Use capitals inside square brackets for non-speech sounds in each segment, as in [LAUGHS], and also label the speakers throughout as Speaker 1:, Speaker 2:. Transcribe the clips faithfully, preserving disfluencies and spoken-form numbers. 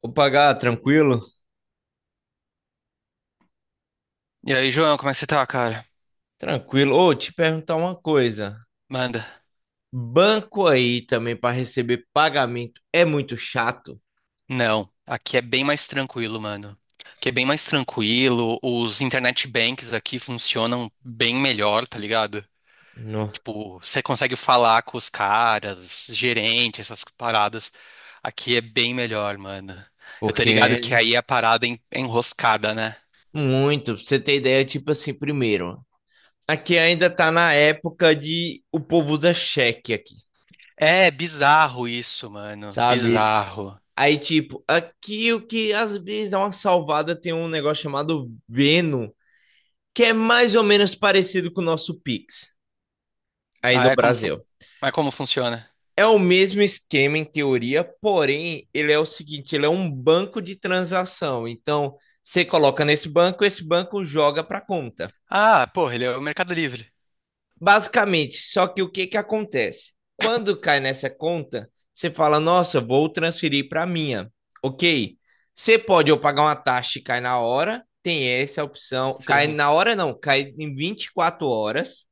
Speaker 1: Opa, Gá, tranquilo?
Speaker 2: E aí, João, como é que você tá, cara?
Speaker 1: Tranquilo. Ô, te perguntar uma coisa.
Speaker 2: Manda.
Speaker 1: Banco aí também para receber pagamento é muito chato,
Speaker 2: Não, aqui é bem mais tranquilo, mano. Aqui é bem mais tranquilo, os internet banks aqui funcionam bem melhor, tá ligado?
Speaker 1: não?
Speaker 2: Tipo, você consegue falar com os caras, gerente, essas paradas. Aqui é bem melhor, mano. Eu tô
Speaker 1: Porque
Speaker 2: ligado
Speaker 1: é
Speaker 2: que aí a parada é en- é enroscada, né?
Speaker 1: muito, pra você ter ideia, tipo assim, primeiro, aqui ainda tá na época de o povo usa cheque aqui,
Speaker 2: É bizarro isso, mano.
Speaker 1: sabe?
Speaker 2: Bizarro.
Speaker 1: Aí tipo, aqui o que às vezes dá uma salvada tem um negócio chamado Veno, que é mais ou menos parecido com o nosso Pix aí
Speaker 2: Ah,
Speaker 1: do
Speaker 2: é como, fu-
Speaker 1: Brasil.
Speaker 2: mas como funciona?
Speaker 1: É o mesmo esquema em teoria, porém, ele é o seguinte, ele é um banco de transação. Então, você coloca nesse banco, esse banco joga para a conta.
Speaker 2: Ah, porra, ele é o Mercado Livre.
Speaker 1: Basicamente, só que o que que acontece? Quando cai nessa conta, você fala: "Nossa, vou transferir para a minha". OK? Você pode ou pagar uma taxa e cai na hora, tem essa opção. Cai
Speaker 2: Sim.
Speaker 1: na hora não, cai em vinte e quatro horas.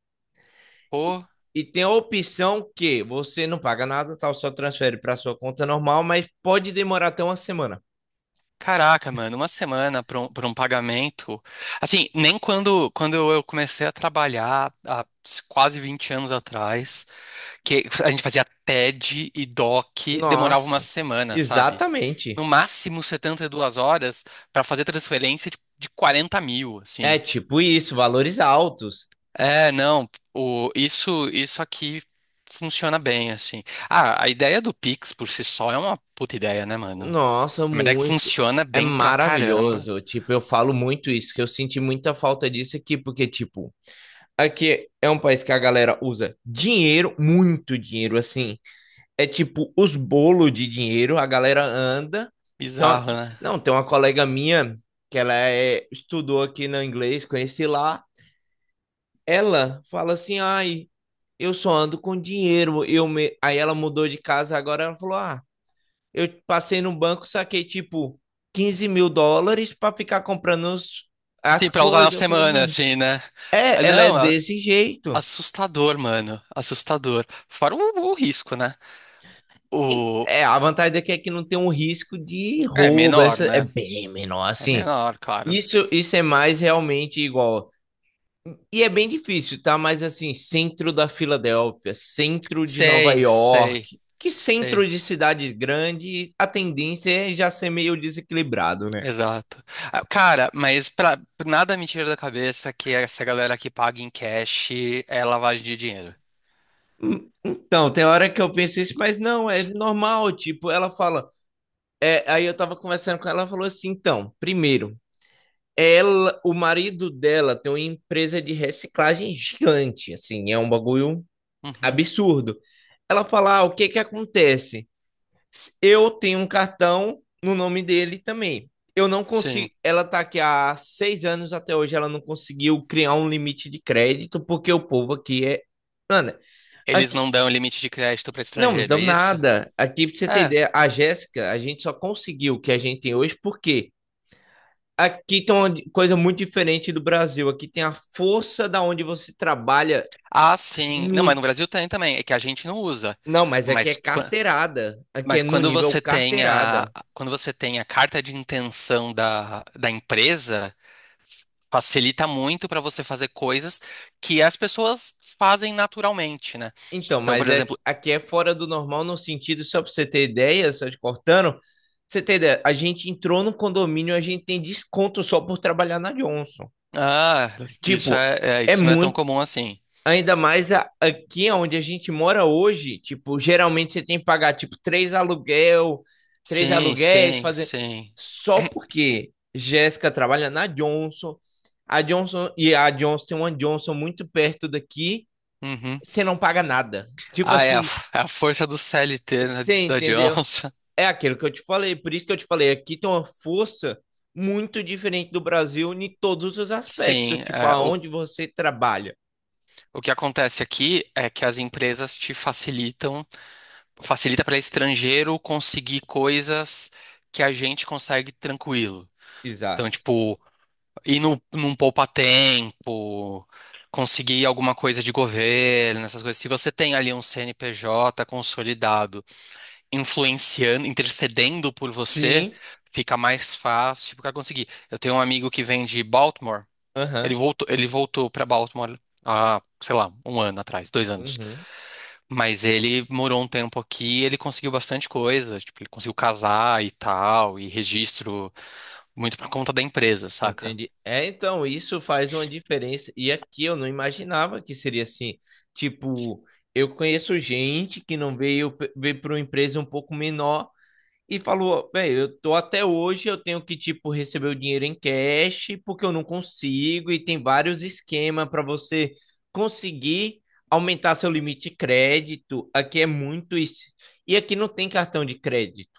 Speaker 1: E tem a opção que você não paga nada, tal, só transfere para sua conta normal, mas pode demorar até uma semana.
Speaker 2: Caraca, mano, uma semana para um, pra um pagamento. Assim, nem quando, quando eu comecei a trabalhar há quase vinte anos atrás, que a gente fazia T E D e doque, demorava uma
Speaker 1: Nossa,
Speaker 2: semana, sabe? No
Speaker 1: exatamente.
Speaker 2: máximo setenta e duas horas para fazer transferência de, de 40 mil,
Speaker 1: É
Speaker 2: assim.
Speaker 1: tipo isso, valores altos.
Speaker 2: É, não, o, isso, isso aqui funciona bem, assim. Ah, a ideia do Pix por si só é uma puta ideia, né, mano?
Speaker 1: Nossa,
Speaker 2: É uma ideia que
Speaker 1: muito.
Speaker 2: funciona
Speaker 1: É
Speaker 2: bem pra caramba.
Speaker 1: maravilhoso. Tipo, eu falo muito isso, que eu senti muita falta disso aqui, porque, tipo, aqui é um país que a galera usa dinheiro, muito dinheiro, assim, é tipo os bolos de dinheiro, a galera anda. Então,
Speaker 2: Bizarro, né?
Speaker 1: não, tem uma colega minha que ela é, estudou aqui no inglês, conheci lá. Ela fala assim: ai, eu só ando com dinheiro. Eu me... Aí ela mudou de casa agora. Ela falou: ah, eu passei no banco, saquei tipo quinze mil dólares para ficar comprando os- as
Speaker 2: Sim, pra usar na
Speaker 1: coisas. Eu falei,
Speaker 2: semana,
Speaker 1: mano,
Speaker 2: assim, né? Ah,
Speaker 1: é, ela é
Speaker 2: não, a-
Speaker 1: desse jeito.
Speaker 2: assustador, mano. Assustador. Fora o, o risco, né?
Speaker 1: E,
Speaker 2: O.
Speaker 1: É, a vantagem daqui é que não tem um risco de
Speaker 2: É
Speaker 1: roubo,
Speaker 2: menor,
Speaker 1: essa é
Speaker 2: né?
Speaker 1: bem menor,
Speaker 2: É
Speaker 1: assim.
Speaker 2: menor, claro.
Speaker 1: Isso, isso é mais realmente igual. E é bem difícil, tá? Mas assim, centro da Filadélfia, centro de Nova
Speaker 2: Sei, sei,
Speaker 1: York, que centro
Speaker 2: sei.
Speaker 1: de cidade grande, a tendência é já ser meio desequilibrado, né?
Speaker 2: Exato. Ah, cara, mas pra... nada me tira da cabeça que essa galera que paga em cash é lavagem de dinheiro.
Speaker 1: Hum, Então, tem hora que eu penso isso, mas não, é normal, tipo, ela fala, é, aí eu tava conversando com ela, ela falou assim, então, primeiro, ela, o marido dela tem uma empresa de reciclagem gigante, assim, é um bagulho
Speaker 2: Uhum,
Speaker 1: absurdo. Ela fala, ah, o que que acontece? Eu tenho um cartão no nome dele também. Eu não
Speaker 2: sim.
Speaker 1: consigo. Ela tá aqui há seis anos até hoje. Ela não conseguiu criar um limite de crédito porque o povo aqui é. Mano,
Speaker 2: Eles
Speaker 1: aqui.
Speaker 2: não dão limite de crédito para
Speaker 1: Não,
Speaker 2: estrangeiro,
Speaker 1: dão
Speaker 2: é isso?
Speaker 1: nada. Aqui, pra você ter
Speaker 2: É.
Speaker 1: ideia, a Jéssica, a gente só conseguiu o que a gente tem hoje porque aqui tem uma di- coisa muito diferente do Brasil. Aqui tem a força da onde você trabalha
Speaker 2: Ah, sim. Não, mas no
Speaker 1: muito.
Speaker 2: Brasil tem também. É que a gente não usa.
Speaker 1: Não, mas aqui é
Speaker 2: Mas. qu-
Speaker 1: carteirada. Aqui é
Speaker 2: Mas
Speaker 1: no
Speaker 2: quando
Speaker 1: nível
Speaker 2: você tem a,
Speaker 1: carteirada.
Speaker 2: quando você tem a carta de intenção da, da empresa, facilita muito para você fazer coisas que as pessoas fazem naturalmente, né?
Speaker 1: Então,
Speaker 2: Então,
Speaker 1: mas
Speaker 2: por
Speaker 1: é,
Speaker 2: exemplo,
Speaker 1: aqui é fora do normal no sentido, só para você ter ideia, só te cortando, você ter ideia, a gente entrou no condomínio, a gente tem desconto só por trabalhar na Johnson.
Speaker 2: ah, isso
Speaker 1: Tipo,
Speaker 2: é, é-
Speaker 1: é
Speaker 2: isso não é tão
Speaker 1: muito,
Speaker 2: comum assim.
Speaker 1: ainda mais a- aqui onde a gente mora hoje, tipo, geralmente você tem que pagar, tipo, três aluguel, três
Speaker 2: Sim,
Speaker 1: aluguéis,
Speaker 2: sim,
Speaker 1: fazer...
Speaker 2: sim.
Speaker 1: Só porque Jéssica trabalha na Johnson, a Johnson, e a Johnson tem uma Johnson muito perto daqui,
Speaker 2: Uhum.
Speaker 1: você não paga nada. Tipo
Speaker 2: Ah, é a, [LAUGHS]
Speaker 1: assim,
Speaker 2: f- é a força do C L T, né,
Speaker 1: você
Speaker 2: da
Speaker 1: entendeu?
Speaker 2: Johnson.
Speaker 1: É aquilo que eu te falei, por isso que eu te falei, aqui tem uma força muito diferente do Brasil em todos os aspectos,
Speaker 2: Sim,
Speaker 1: tipo
Speaker 2: é, o,
Speaker 1: aonde você trabalha.
Speaker 2: o que acontece aqui é que as empresas te facilitam facilita para estrangeiro conseguir coisas que a gente consegue tranquilo. Então,
Speaker 1: Exato.
Speaker 2: tipo, ir no, num poupa-tempo, conseguir alguma coisa de governo, essas coisas. Se você tem ali um C N P J consolidado, influenciando, intercedendo por você,
Speaker 1: Sim.
Speaker 2: fica mais fácil para conseguir. Eu tenho um amigo que vem de Baltimore, ele
Speaker 1: Aham.
Speaker 2: voltou, ele voltou para Baltimore há, sei lá, um ano atrás, dois anos.
Speaker 1: Uhum.
Speaker 2: Mas ele morou um tempo aqui, ele conseguiu bastante coisa, tipo, ele conseguiu casar e tal, e registro muito por conta da empresa, saca?
Speaker 1: Entendi. É, então, isso faz uma diferença. E aqui eu não imaginava que seria assim. Tipo, eu conheço gente que não veio, veio para uma empresa um pouco menor e falou: bem, eu tô até hoje, eu tenho que, tipo, receber o dinheiro em cash, porque eu não consigo, e tem vários esquemas para você conseguir aumentar seu limite de crédito. Aqui é muito isso. E aqui não tem cartão de crédito.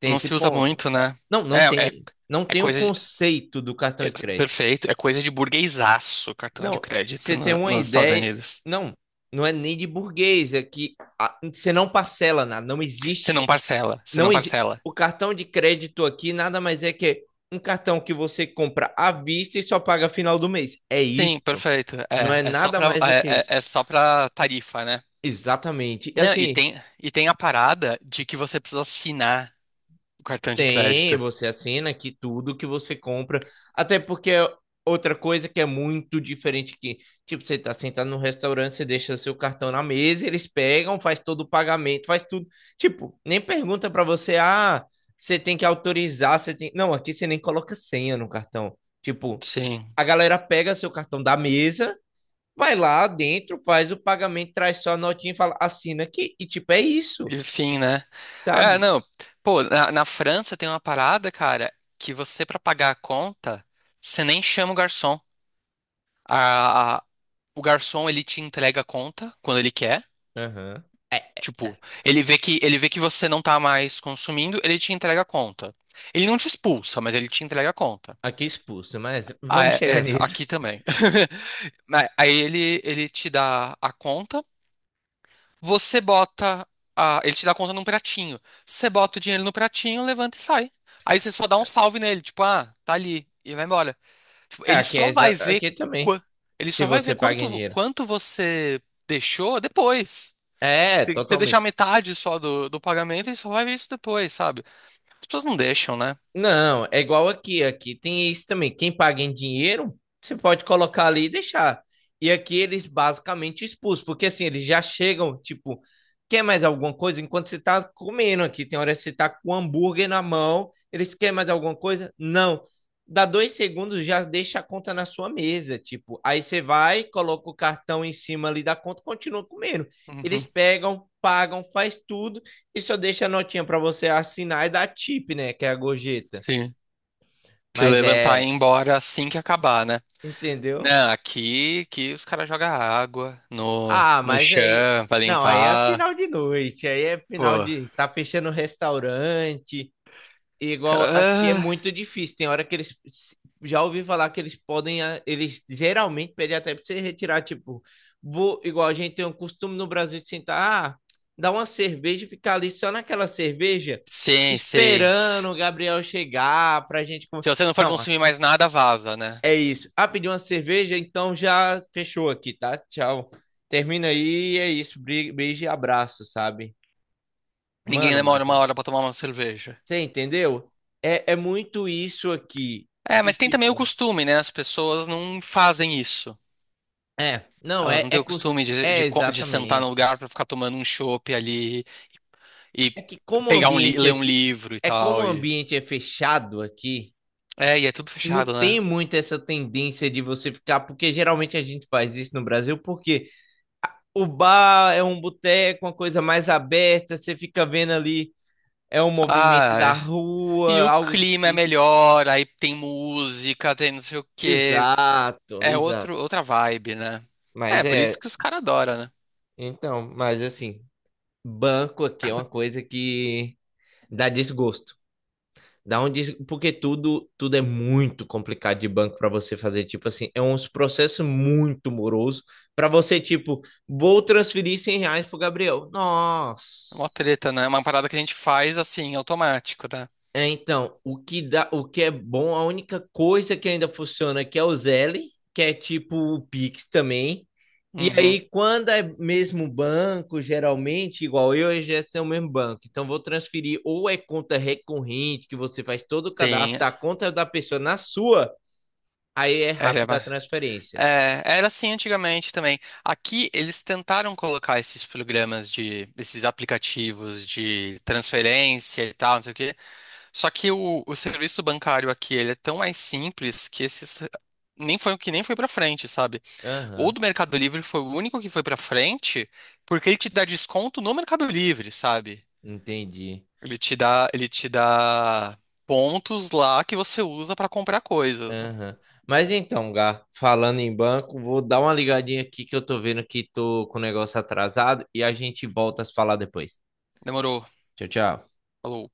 Speaker 1: Tem
Speaker 2: Não
Speaker 1: esse
Speaker 2: se usa
Speaker 1: ponto.
Speaker 2: muito, né?
Speaker 1: Não, não
Speaker 2: É, é,
Speaker 1: tem. Não
Speaker 2: é
Speaker 1: tem o
Speaker 2: coisa de,
Speaker 1: conceito do cartão
Speaker 2: é-
Speaker 1: de crédito.
Speaker 2: perfeito, é coisa de burguesaço, cartão de
Speaker 1: Não,
Speaker 2: crédito
Speaker 1: você tem
Speaker 2: no-
Speaker 1: uma
Speaker 2: nos Estados
Speaker 1: ideia.
Speaker 2: Unidos.
Speaker 1: Não, não é nem de burguês. É que ah, você não parcela nada. Não
Speaker 2: Você
Speaker 1: existe.
Speaker 2: não parcela, você não
Speaker 1: Não existe.
Speaker 2: parcela.
Speaker 1: O cartão de crédito aqui nada mais é que um cartão que você compra à vista e só paga final do mês. É isso.
Speaker 2: Sim, perfeito.
Speaker 1: Não
Speaker 2: É,
Speaker 1: é
Speaker 2: é só
Speaker 1: nada
Speaker 2: pra,
Speaker 1: mais do que
Speaker 2: é,
Speaker 1: isso.
Speaker 2: é é só pra tarifa, né?
Speaker 1: Exatamente. E
Speaker 2: Não, e
Speaker 1: assim,
Speaker 2: tem, e tem a parada de que você precisa assinar o cartão de
Speaker 1: tem,
Speaker 2: crédito.
Speaker 1: você assina aqui tudo que você compra. Até porque é outra coisa que é muito diferente que, tipo, você tá sentado no restaurante, você deixa seu cartão na mesa, eles pegam, faz todo o pagamento, faz tudo. Tipo, nem pergunta para você, ah, você tem que autorizar, você tem. Não, aqui você nem coloca senha no cartão. Tipo,
Speaker 2: Sim.
Speaker 1: a galera pega seu cartão da mesa, vai lá dentro, faz o pagamento, traz só a notinha e fala, assina aqui. E tipo, é isso,
Speaker 2: Enfim, né? É,
Speaker 1: sabe?
Speaker 2: não. Pô, na, na França tem uma parada, cara, que você, pra pagar a conta, você nem chama o garçom. A, a- o garçom, ele te entrega a conta quando ele quer.
Speaker 1: Aham. É.
Speaker 2: Tipo, ele vê que, ele vê que você não tá mais consumindo, ele te entrega a conta. Ele não te expulsa, mas ele te entrega a conta.
Speaker 1: Aqui expulso, mas
Speaker 2: Ah,
Speaker 1: vamos
Speaker 2: é,
Speaker 1: chegar
Speaker 2: é,
Speaker 1: nisso.
Speaker 2: aqui também. [LAUGHS] Mas aí ele, ele te dá a conta. Você bota a- ele te dá conta num pratinho. Você bota o dinheiro no pratinho, levanta e sai. Aí você só dá um salve nele, tipo, ah, tá ali e vai embora. Tipo,
Speaker 1: É,
Speaker 2: ele
Speaker 1: aqui, é
Speaker 2: só vai
Speaker 1: exa-
Speaker 2: ver
Speaker 1: aqui também.
Speaker 2: qua- ele
Speaker 1: Se
Speaker 2: só vai
Speaker 1: você
Speaker 2: ver
Speaker 1: paga em
Speaker 2: quanto vo-
Speaker 1: dinheiro.
Speaker 2: quanto você deixou depois.
Speaker 1: É,
Speaker 2: Se você
Speaker 1: totalmente.
Speaker 2: deixar metade só do, do pagamento, ele só vai ver isso depois, sabe? As pessoas não deixam, né?
Speaker 1: Não, é igual aqui. Aqui tem isso também. Quem paga em dinheiro, você pode colocar ali e deixar. E aqui eles basicamente expulsam, porque assim, eles já chegam, tipo, quer mais alguma coisa? Enquanto você tá comendo aqui, tem hora que você tá com o hambúrguer na mão, eles querem mais alguma coisa? Não. Dá dois segundos, já deixa a conta na sua mesa, tipo. Aí você vai, coloca o cartão em cima ali da conta, continua comendo. Eles
Speaker 2: Uhum,
Speaker 1: pegam, pagam, faz tudo. E só deixa a notinha pra você assinar e dar tip, né? Que é a gorjeta.
Speaker 2: sim. Se
Speaker 1: Mas
Speaker 2: levantar e ir
Speaker 1: é.
Speaker 2: embora assim que acabar, né?
Speaker 1: Entendeu?
Speaker 2: Não, aqui, aqui os caras jogam água no,
Speaker 1: Ah,
Speaker 2: no
Speaker 1: mas aí.
Speaker 2: chão pra
Speaker 1: Não, aí é
Speaker 2: limpar.
Speaker 1: final de noite. Aí é final
Speaker 2: Pô.
Speaker 1: de. Tá fechando o restaurante.
Speaker 2: Cara,
Speaker 1: Igual aqui é
Speaker 2: ah,
Speaker 1: muito difícil. Tem hora que eles. Já ouvi falar que eles podem. ah, Eles geralmente pedem até pra você retirar, tipo. Vou, igual a gente tem um costume no Brasil de sentar. Ah, dar uma cerveja e ficar ali só naquela cerveja,
Speaker 2: sim, sim. Se
Speaker 1: esperando o Gabriel chegar pra gente. con-
Speaker 2: se você não for
Speaker 1: Não,
Speaker 2: consumir mais nada, vaza, né?
Speaker 1: é isso. Ah, pediu uma cerveja, então já fechou aqui, tá? Tchau. Termina aí, é isso. Bri- Beijo e abraço, sabe?
Speaker 2: Ninguém
Speaker 1: Mano,
Speaker 2: demora
Speaker 1: mas é-
Speaker 2: uma hora pra tomar uma cerveja.
Speaker 1: Você entendeu? É, é muito isso aqui.
Speaker 2: É,
Speaker 1: E
Speaker 2: mas tem também o
Speaker 1: tipo,
Speaker 2: costume, né? As pessoas não fazem isso.
Speaker 1: é, não,
Speaker 2: Elas
Speaker 1: é,
Speaker 2: não
Speaker 1: é,
Speaker 2: têm o
Speaker 1: cos-
Speaker 2: costume de,
Speaker 1: é
Speaker 2: de, co- de sentar no
Speaker 1: exatamente.
Speaker 2: lugar pra ficar tomando um chopp ali e
Speaker 1: É que como o
Speaker 2: pegar um, li-
Speaker 1: ambiente
Speaker 2: ler um
Speaker 1: aqui,
Speaker 2: livro e
Speaker 1: É como o
Speaker 2: tal. E.
Speaker 1: ambiente é fechado aqui,
Speaker 2: É, e é tudo
Speaker 1: não
Speaker 2: fechado, né?
Speaker 1: tem muito essa tendência de você ficar, porque geralmente a gente faz isso no Brasil, porque o bar é um boteco, uma coisa mais aberta, você fica vendo ali é um movimento
Speaker 2: Ah,
Speaker 1: da
Speaker 2: é. E
Speaker 1: rua,
Speaker 2: o
Speaker 1: algo do
Speaker 2: clima é
Speaker 1: tipo.
Speaker 2: melhor, aí tem música, tem não sei o quê.
Speaker 1: Exato,
Speaker 2: É
Speaker 1: exato.
Speaker 2: outro, outra vibe, né? É,
Speaker 1: Mas
Speaker 2: por isso
Speaker 1: é,
Speaker 2: que os caras adoram, né?
Speaker 1: então, mas assim, banco aqui é uma coisa que dá desgosto. Dá um des... porque tudo tudo é muito complicado de banco para você fazer, tipo assim, é um processo muito moroso para você tipo, vou transferir cem reais pro Gabriel.
Speaker 2: É
Speaker 1: Nossa.
Speaker 2: uma treta, né? É uma parada que a gente faz assim, automático, né?
Speaker 1: É, então, o que dá, o que é bom, a única coisa que ainda funciona aqui é o Zelle, que é tipo o Pix também. E
Speaker 2: Uhum.
Speaker 1: aí, quando é mesmo banco, geralmente, igual eu e a Jéssica é o mesmo banco. Então, vou transferir ou é conta recorrente, que você faz todo o cadastro
Speaker 2: Sim.
Speaker 1: da conta da pessoa na sua, aí é
Speaker 2: Era,
Speaker 1: rápida a
Speaker 2: ba-
Speaker 1: transferência.
Speaker 2: é, Era assim antigamente também. Aqui eles tentaram colocar esses programas de, esses aplicativos de transferência e tal, não sei o quê. Só que o, o serviço bancário aqui, ele é tão mais simples que esses nem foi o que nem foi pra frente, sabe? O
Speaker 1: Aham,
Speaker 2: do Mercado Livre foi o único que foi pra frente, porque ele te dá desconto no Mercado Livre, sabe?
Speaker 1: entendi.
Speaker 2: Ele te dá, ele te dá pontos lá que você usa pra comprar coisas, né?
Speaker 1: Aham. Mas então, Gá, falando em banco, vou dar uma ligadinha aqui que eu tô vendo que tô com o negócio atrasado e a gente volta a se falar depois.
Speaker 2: Demorou.
Speaker 1: Tchau, tchau.
Speaker 2: Falou.